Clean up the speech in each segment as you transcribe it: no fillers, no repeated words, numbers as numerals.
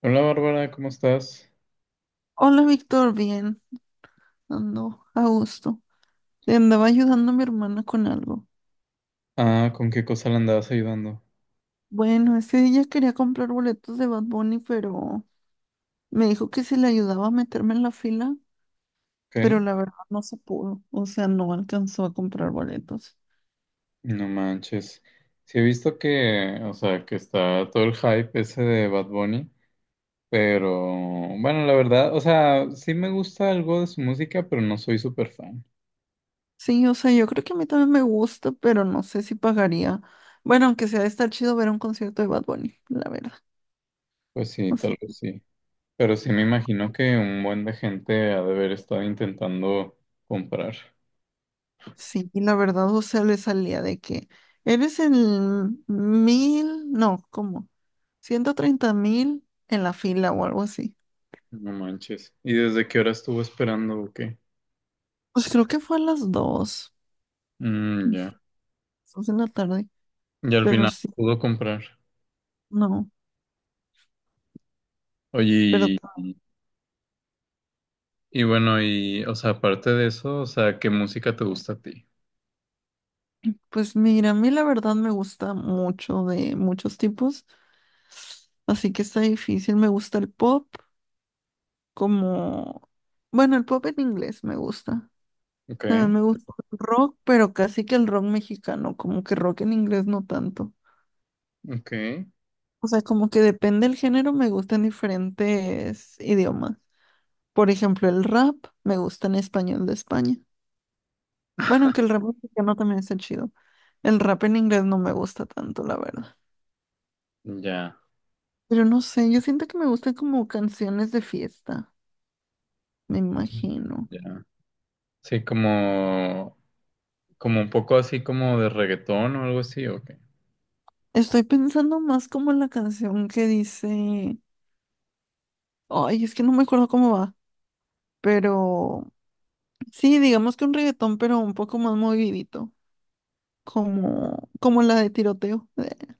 Hola Bárbara, ¿cómo estás? Hola, Víctor, bien, ando a gusto. Le andaba ayudando a mi hermana con algo. Ah, ¿con qué cosa le andabas ayudando? Bueno, es que ella quería comprar boletos de Bad Bunny, pero me dijo que si le ayudaba a meterme en la fila, Ok, pero la verdad no se pudo, o sea, no alcanzó a comprar boletos. no manches. Sí he visto que, o sea, que está todo el hype ese de Bad Bunny, pero bueno, la verdad, o sea, sí me gusta algo de su música, pero no soy súper fan. Sí, o sea, yo creo que a mí también me gusta, pero no sé si pagaría. Bueno, aunque sea, está chido ver un concierto de Bad Bunny, la verdad. Pues sí, tal vez sí. Pero sí me imagino que un buen de gente ha de haber estado intentando comprar. Sí, la verdad, o sea, le salía de que eres el 1,000, no, cómo 130,000 en la fila o algo así. No manches. ¿Y desde qué hora estuvo esperando o qué? Pues creo que fue a las dos, Mm, ya. dos de la tarde, Y al pero final sí, pudo comprar. no. Pero Oye, t- y bueno, y, o sea, aparte de eso, o sea, ¿qué música te gusta a ti? pues mira, a mí la verdad me gusta mucho de muchos tipos, así que está difícil. Me gusta el pop, como, bueno, el pop en inglés me gusta. Ok, También me gusta el rock, pero casi que el rock mexicano, como que rock en inglés no tanto. ok, O sea, como que depende del género, me gustan diferentes idiomas. Por ejemplo, el rap me gusta en español de España. Bueno, aunque el rap mexicano también está chido. El rap en inglés no me gusta tanto, la verdad. ya, Pero no sé, yo siento que me gustan como canciones de fiesta, me imagino. ya. Sí, como, como un poco así como de reggaetón o algo así, ok. Estoy pensando más como en la canción que dice... Ay, es que no me acuerdo cómo va. Pero sí, digamos que un reggaetón, pero un poco más movidito. Como, como la de tiroteo.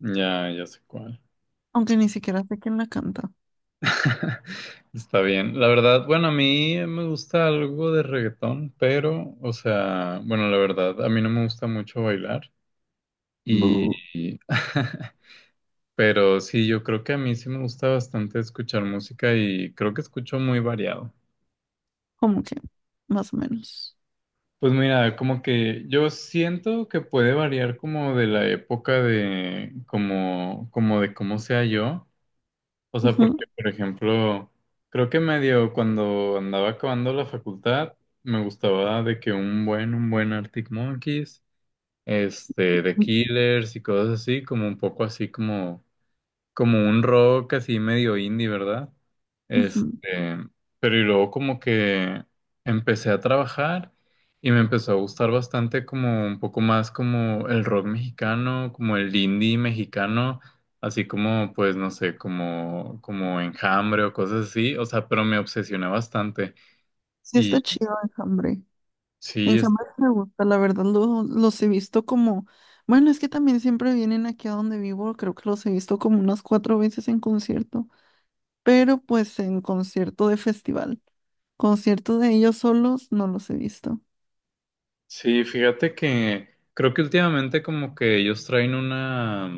Ya, ya sé cuál. Aunque ni siquiera sé quién la canta. Está bien. La verdad, bueno, a mí me gusta algo de reggaetón, pero, o sea, bueno, la verdad, a mí no me gusta mucho bailar. Y, Bu, pero sí, yo creo que a mí sí me gusta bastante escuchar música y creo que escucho muy variado. como que, más o menos. Pues mira, como que yo siento que puede variar como de la época de como, como de cómo sea yo. O sea, Ujú, porque, por ejemplo, creo que medio cuando andaba acabando la facultad, me gustaba de que un buen Arctic Monkeys, este, The Killers y cosas así, como un poco así como como un rock así medio indie, ¿verdad? ujú. Este, pero y luego como que empecé a trabajar y me empezó a gustar bastante como un poco más como el rock mexicano, como el indie mexicano, así como pues no sé, como como Enjambre o cosas así, o sea, pero me obsesioné bastante Sí está y chido Enjambre. sí, es- Enjambre sí me gusta, la verdad los he visto como, bueno, es que también siempre vienen aquí a donde vivo, creo que los he visto como unas cuatro veces en concierto, pero pues en concierto de festival. Concierto de ellos solos no los he visto. sí, fíjate que creo que últimamente como que ellos traen una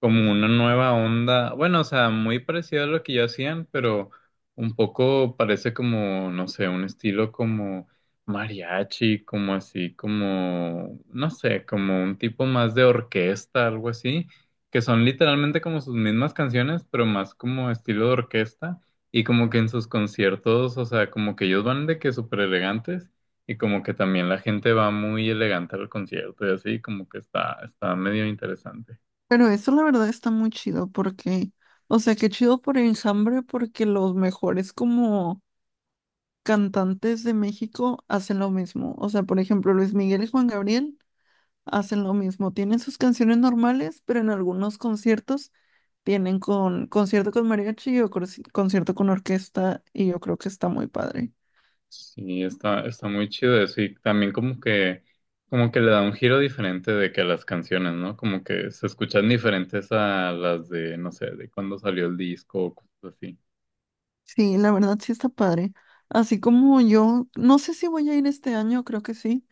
como una nueva onda, bueno, o sea, muy parecido a lo que ya hacían, pero un poco parece como, no sé, un estilo como mariachi, como así, como, no sé, como un tipo más de orquesta, algo así, que son literalmente como sus mismas canciones, pero más como estilo de orquesta, y como que en sus conciertos, o sea, como que ellos van de que súper elegantes. Y como que también la gente va muy elegante al concierto y así, como que está, está medio interesante. Pero eso la verdad está muy chido porque, o sea, qué chido por Enjambre porque los mejores como cantantes de México hacen lo mismo. O sea, por ejemplo, Luis Miguel y Juan Gabriel hacen lo mismo. Tienen sus canciones normales, pero en algunos conciertos tienen con concierto con mariachi o concierto con orquesta y yo creo que está muy padre. Sí, está, está muy chido eso y también como que le da un giro diferente de que a las canciones, ¿no? Como que se escuchan diferentes a las de, no sé, de cuando salió el disco o cosas así. Sí, la verdad sí está padre. Así como yo, no sé si voy a ir este año, creo que sí,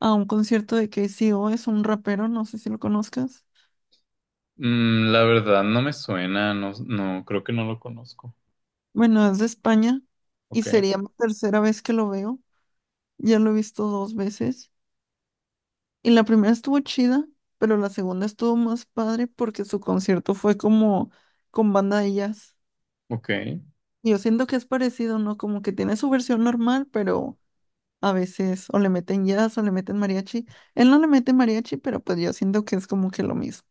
a un concierto de K C O es un rapero, no sé si lo conozcas. Mm, la verdad no me suena, no, no, creo que no lo conozco. Bueno, es de España y Ok, sería mi tercera vez que lo veo. Ya lo he visto dos veces. Y la primera estuvo chida, pero la segunda estuvo más padre porque su concierto fue como con banda de jazz. ok. Y yo siento que es parecido, ¿no? Como que tiene su versión normal, pero a veces o le meten jazz o le meten mariachi. Él no le mete mariachi, pero pues yo siento que es como que lo mismo.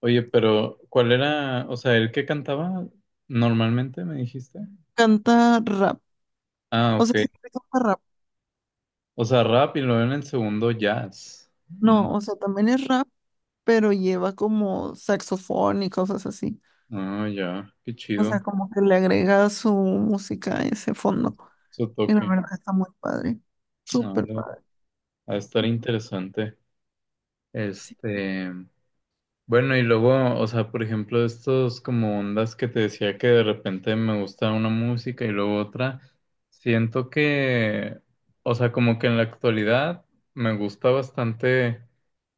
Oye, pero ¿cuál era, o sea, el que cantaba normalmente, me dijiste? Canta rap, Ah, o sea, ok. siempre canta rap. O sea, rap y luego en el segundo jazz. No, o sea, también es rap, pero lleva como saxofón y cosas así. Ah, ya, qué O chido. sea, como que le agrega su música a ese fondo. Su Y la toque. verdad está muy padre, súper Ah, padre. Va a estar interesante. Sí. Este, bueno, y luego, o sea, por ejemplo, estos como ondas que te decía que de repente me gusta una música y luego otra, siento que, o sea, como que en la actualidad me gusta bastante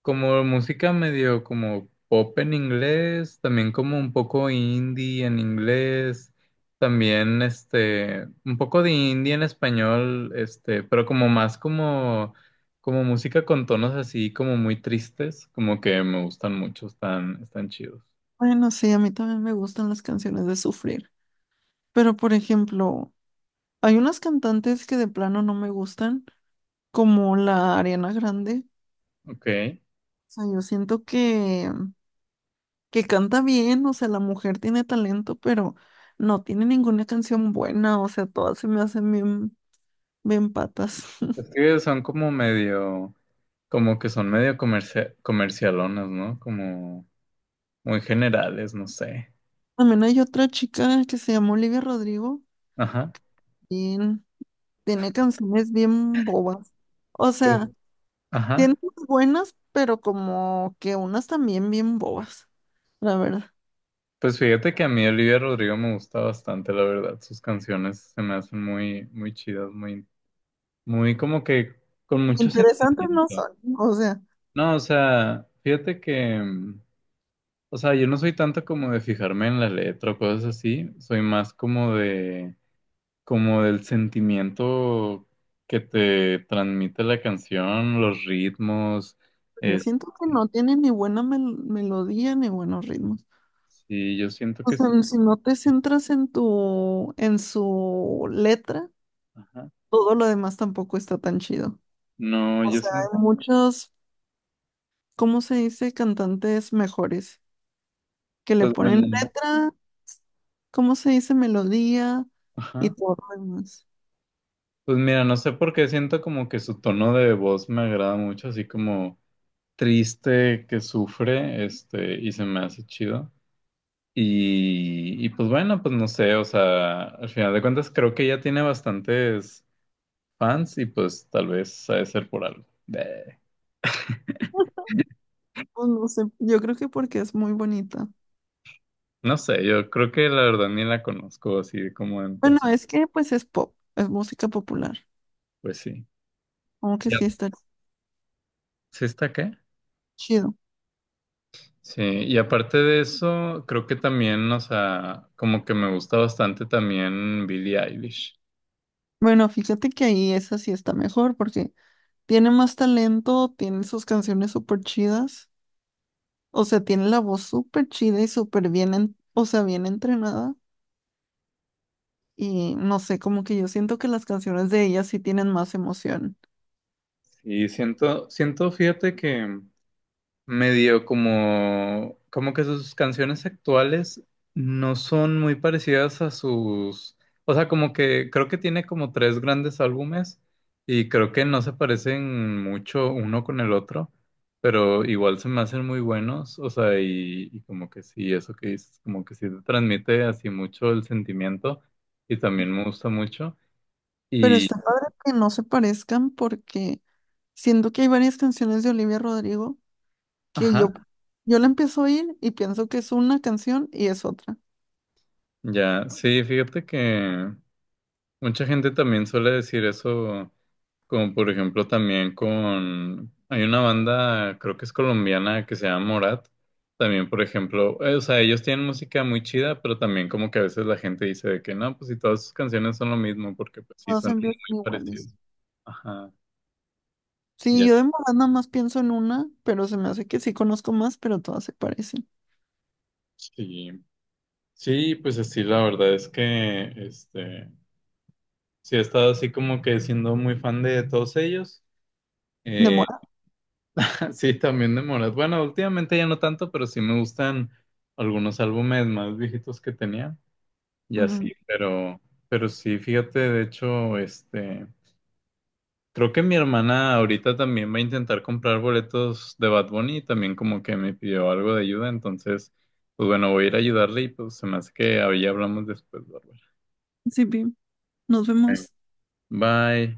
como música medio como pop en inglés, también como un poco indie en inglés, también este, un poco de indie en español, este, pero como más como como música con tonos así como muy tristes, como que me gustan mucho, están, están chidos. Bueno, sí, a mí también me gustan las canciones de sufrir. Pero, por ejemplo, hay unas cantantes que de plano no me gustan, como la Ariana Grande. Ok. Es Sea, yo siento que canta bien, o sea, la mujer tiene talento, pero no tiene ninguna canción buena, o sea, todas se me hacen bien, bien patas. que son como medio, como que son medio comercialonas, ¿no? Como muy generales, no sé. También hay otra chica que se llama Olivia Rodrigo, Ajá, bien, tiene canciones bien bobas. O sea, sí, tiene ajá. unas buenas, pero como que unas también bien bobas, la verdad. Pues fíjate que a mí Olivia Rodrigo me gusta bastante, la verdad. Sus canciones se me hacen muy, muy chidas, muy, muy como que con mucho Interesantes no sentimiento. son, o sea, No, o sea, fíjate que o sea, yo no soy tanto como de fijarme en la letra o cosas así, soy más como de, como del sentimiento que te transmite la canción, los ritmos, yo es, siento que no tiene ni buena melodía ni buenos ritmos. sí, yo siento O que sea, sí, si no te centras en en su letra, ajá. todo lo demás tampoco está tan chido. No, O yo sea, siento, hay muchos, ¿cómo se dice? Cantantes mejores que le pues ponen bueno, letra, ¿cómo se dice? Melodía y ajá. todo lo demás. Pues mira, no sé por qué siento como que su tono de voz me agrada mucho, así como triste, que sufre, este, y se me hace chido. Y pues bueno, pues no sé, o sea, al final de cuentas creo que ya tiene bastantes fans y pues tal vez ha de ser por algo. Eh, Pues no sé, yo creo que porque es muy bonita. No sé, yo creo que la verdad ni la conozco así como en Bueno, persona. es que pues es pop, es música popular, Pues sí. aunque ¿Y sí está ¿Sí está qué chido. Sí, y aparte de eso, creo que también, o sea, como que me gusta bastante también Billie Eilish. Bueno, fíjate que ahí esa sí está mejor porque tiene más talento, tiene sus canciones súper chidas. O sea, tiene la voz súper chida y súper bien, o sea, bien entrenada. Y no sé, como que yo siento que las canciones de ella sí tienen más emoción. Y siento, siento, fíjate que medio como, como que sus canciones actuales no son muy parecidas a sus, o sea, como que creo que tiene como tres grandes álbumes y creo que no se parecen mucho uno con el otro, pero igual se me hacen muy buenos, o sea, y como que sí, eso que dices, como que sí te transmite así mucho el sentimiento y también me gusta mucho Pero y, está padre que no se parezcan porque siento que hay varias canciones de Olivia Rodrigo que ajá, yo la empiezo a oír y pienso que es una canción y es otra. ya, sí, fíjate que mucha gente también suele decir eso. Como por ejemplo también con, hay una banda, creo que es colombiana, que se llama Morat. También, por ejemplo, o sea, ellos tienen música muy chida, pero también como que a veces la gente dice de que no, pues si todas sus canciones son lo mismo, porque pues sí, Todas suenan muy empiezan parecidos. iguales. Ajá, Sí, ya. yo de Morat nada más pienso en una, pero se me hace que sí conozco más, pero todas se parecen. Sí, sí, pues así la verdad es que, sí he estado así como que siendo muy fan de todos ellos. De Eh, Morat. sí, también de Morat. Bueno, últimamente ya no tanto, pero sí me gustan algunos álbumes más viejitos que tenía. Y así, Mm, pero sí, fíjate, de hecho, creo que mi hermana ahorita también va a intentar comprar boletos de Bad Bunny y también como que me pidió algo de ayuda, entonces, pues bueno, voy a ir a ayudarle y pues se me hace que ahí hablamos después, Bárbara. sí, Pi, nos Ok. vemos. Bye.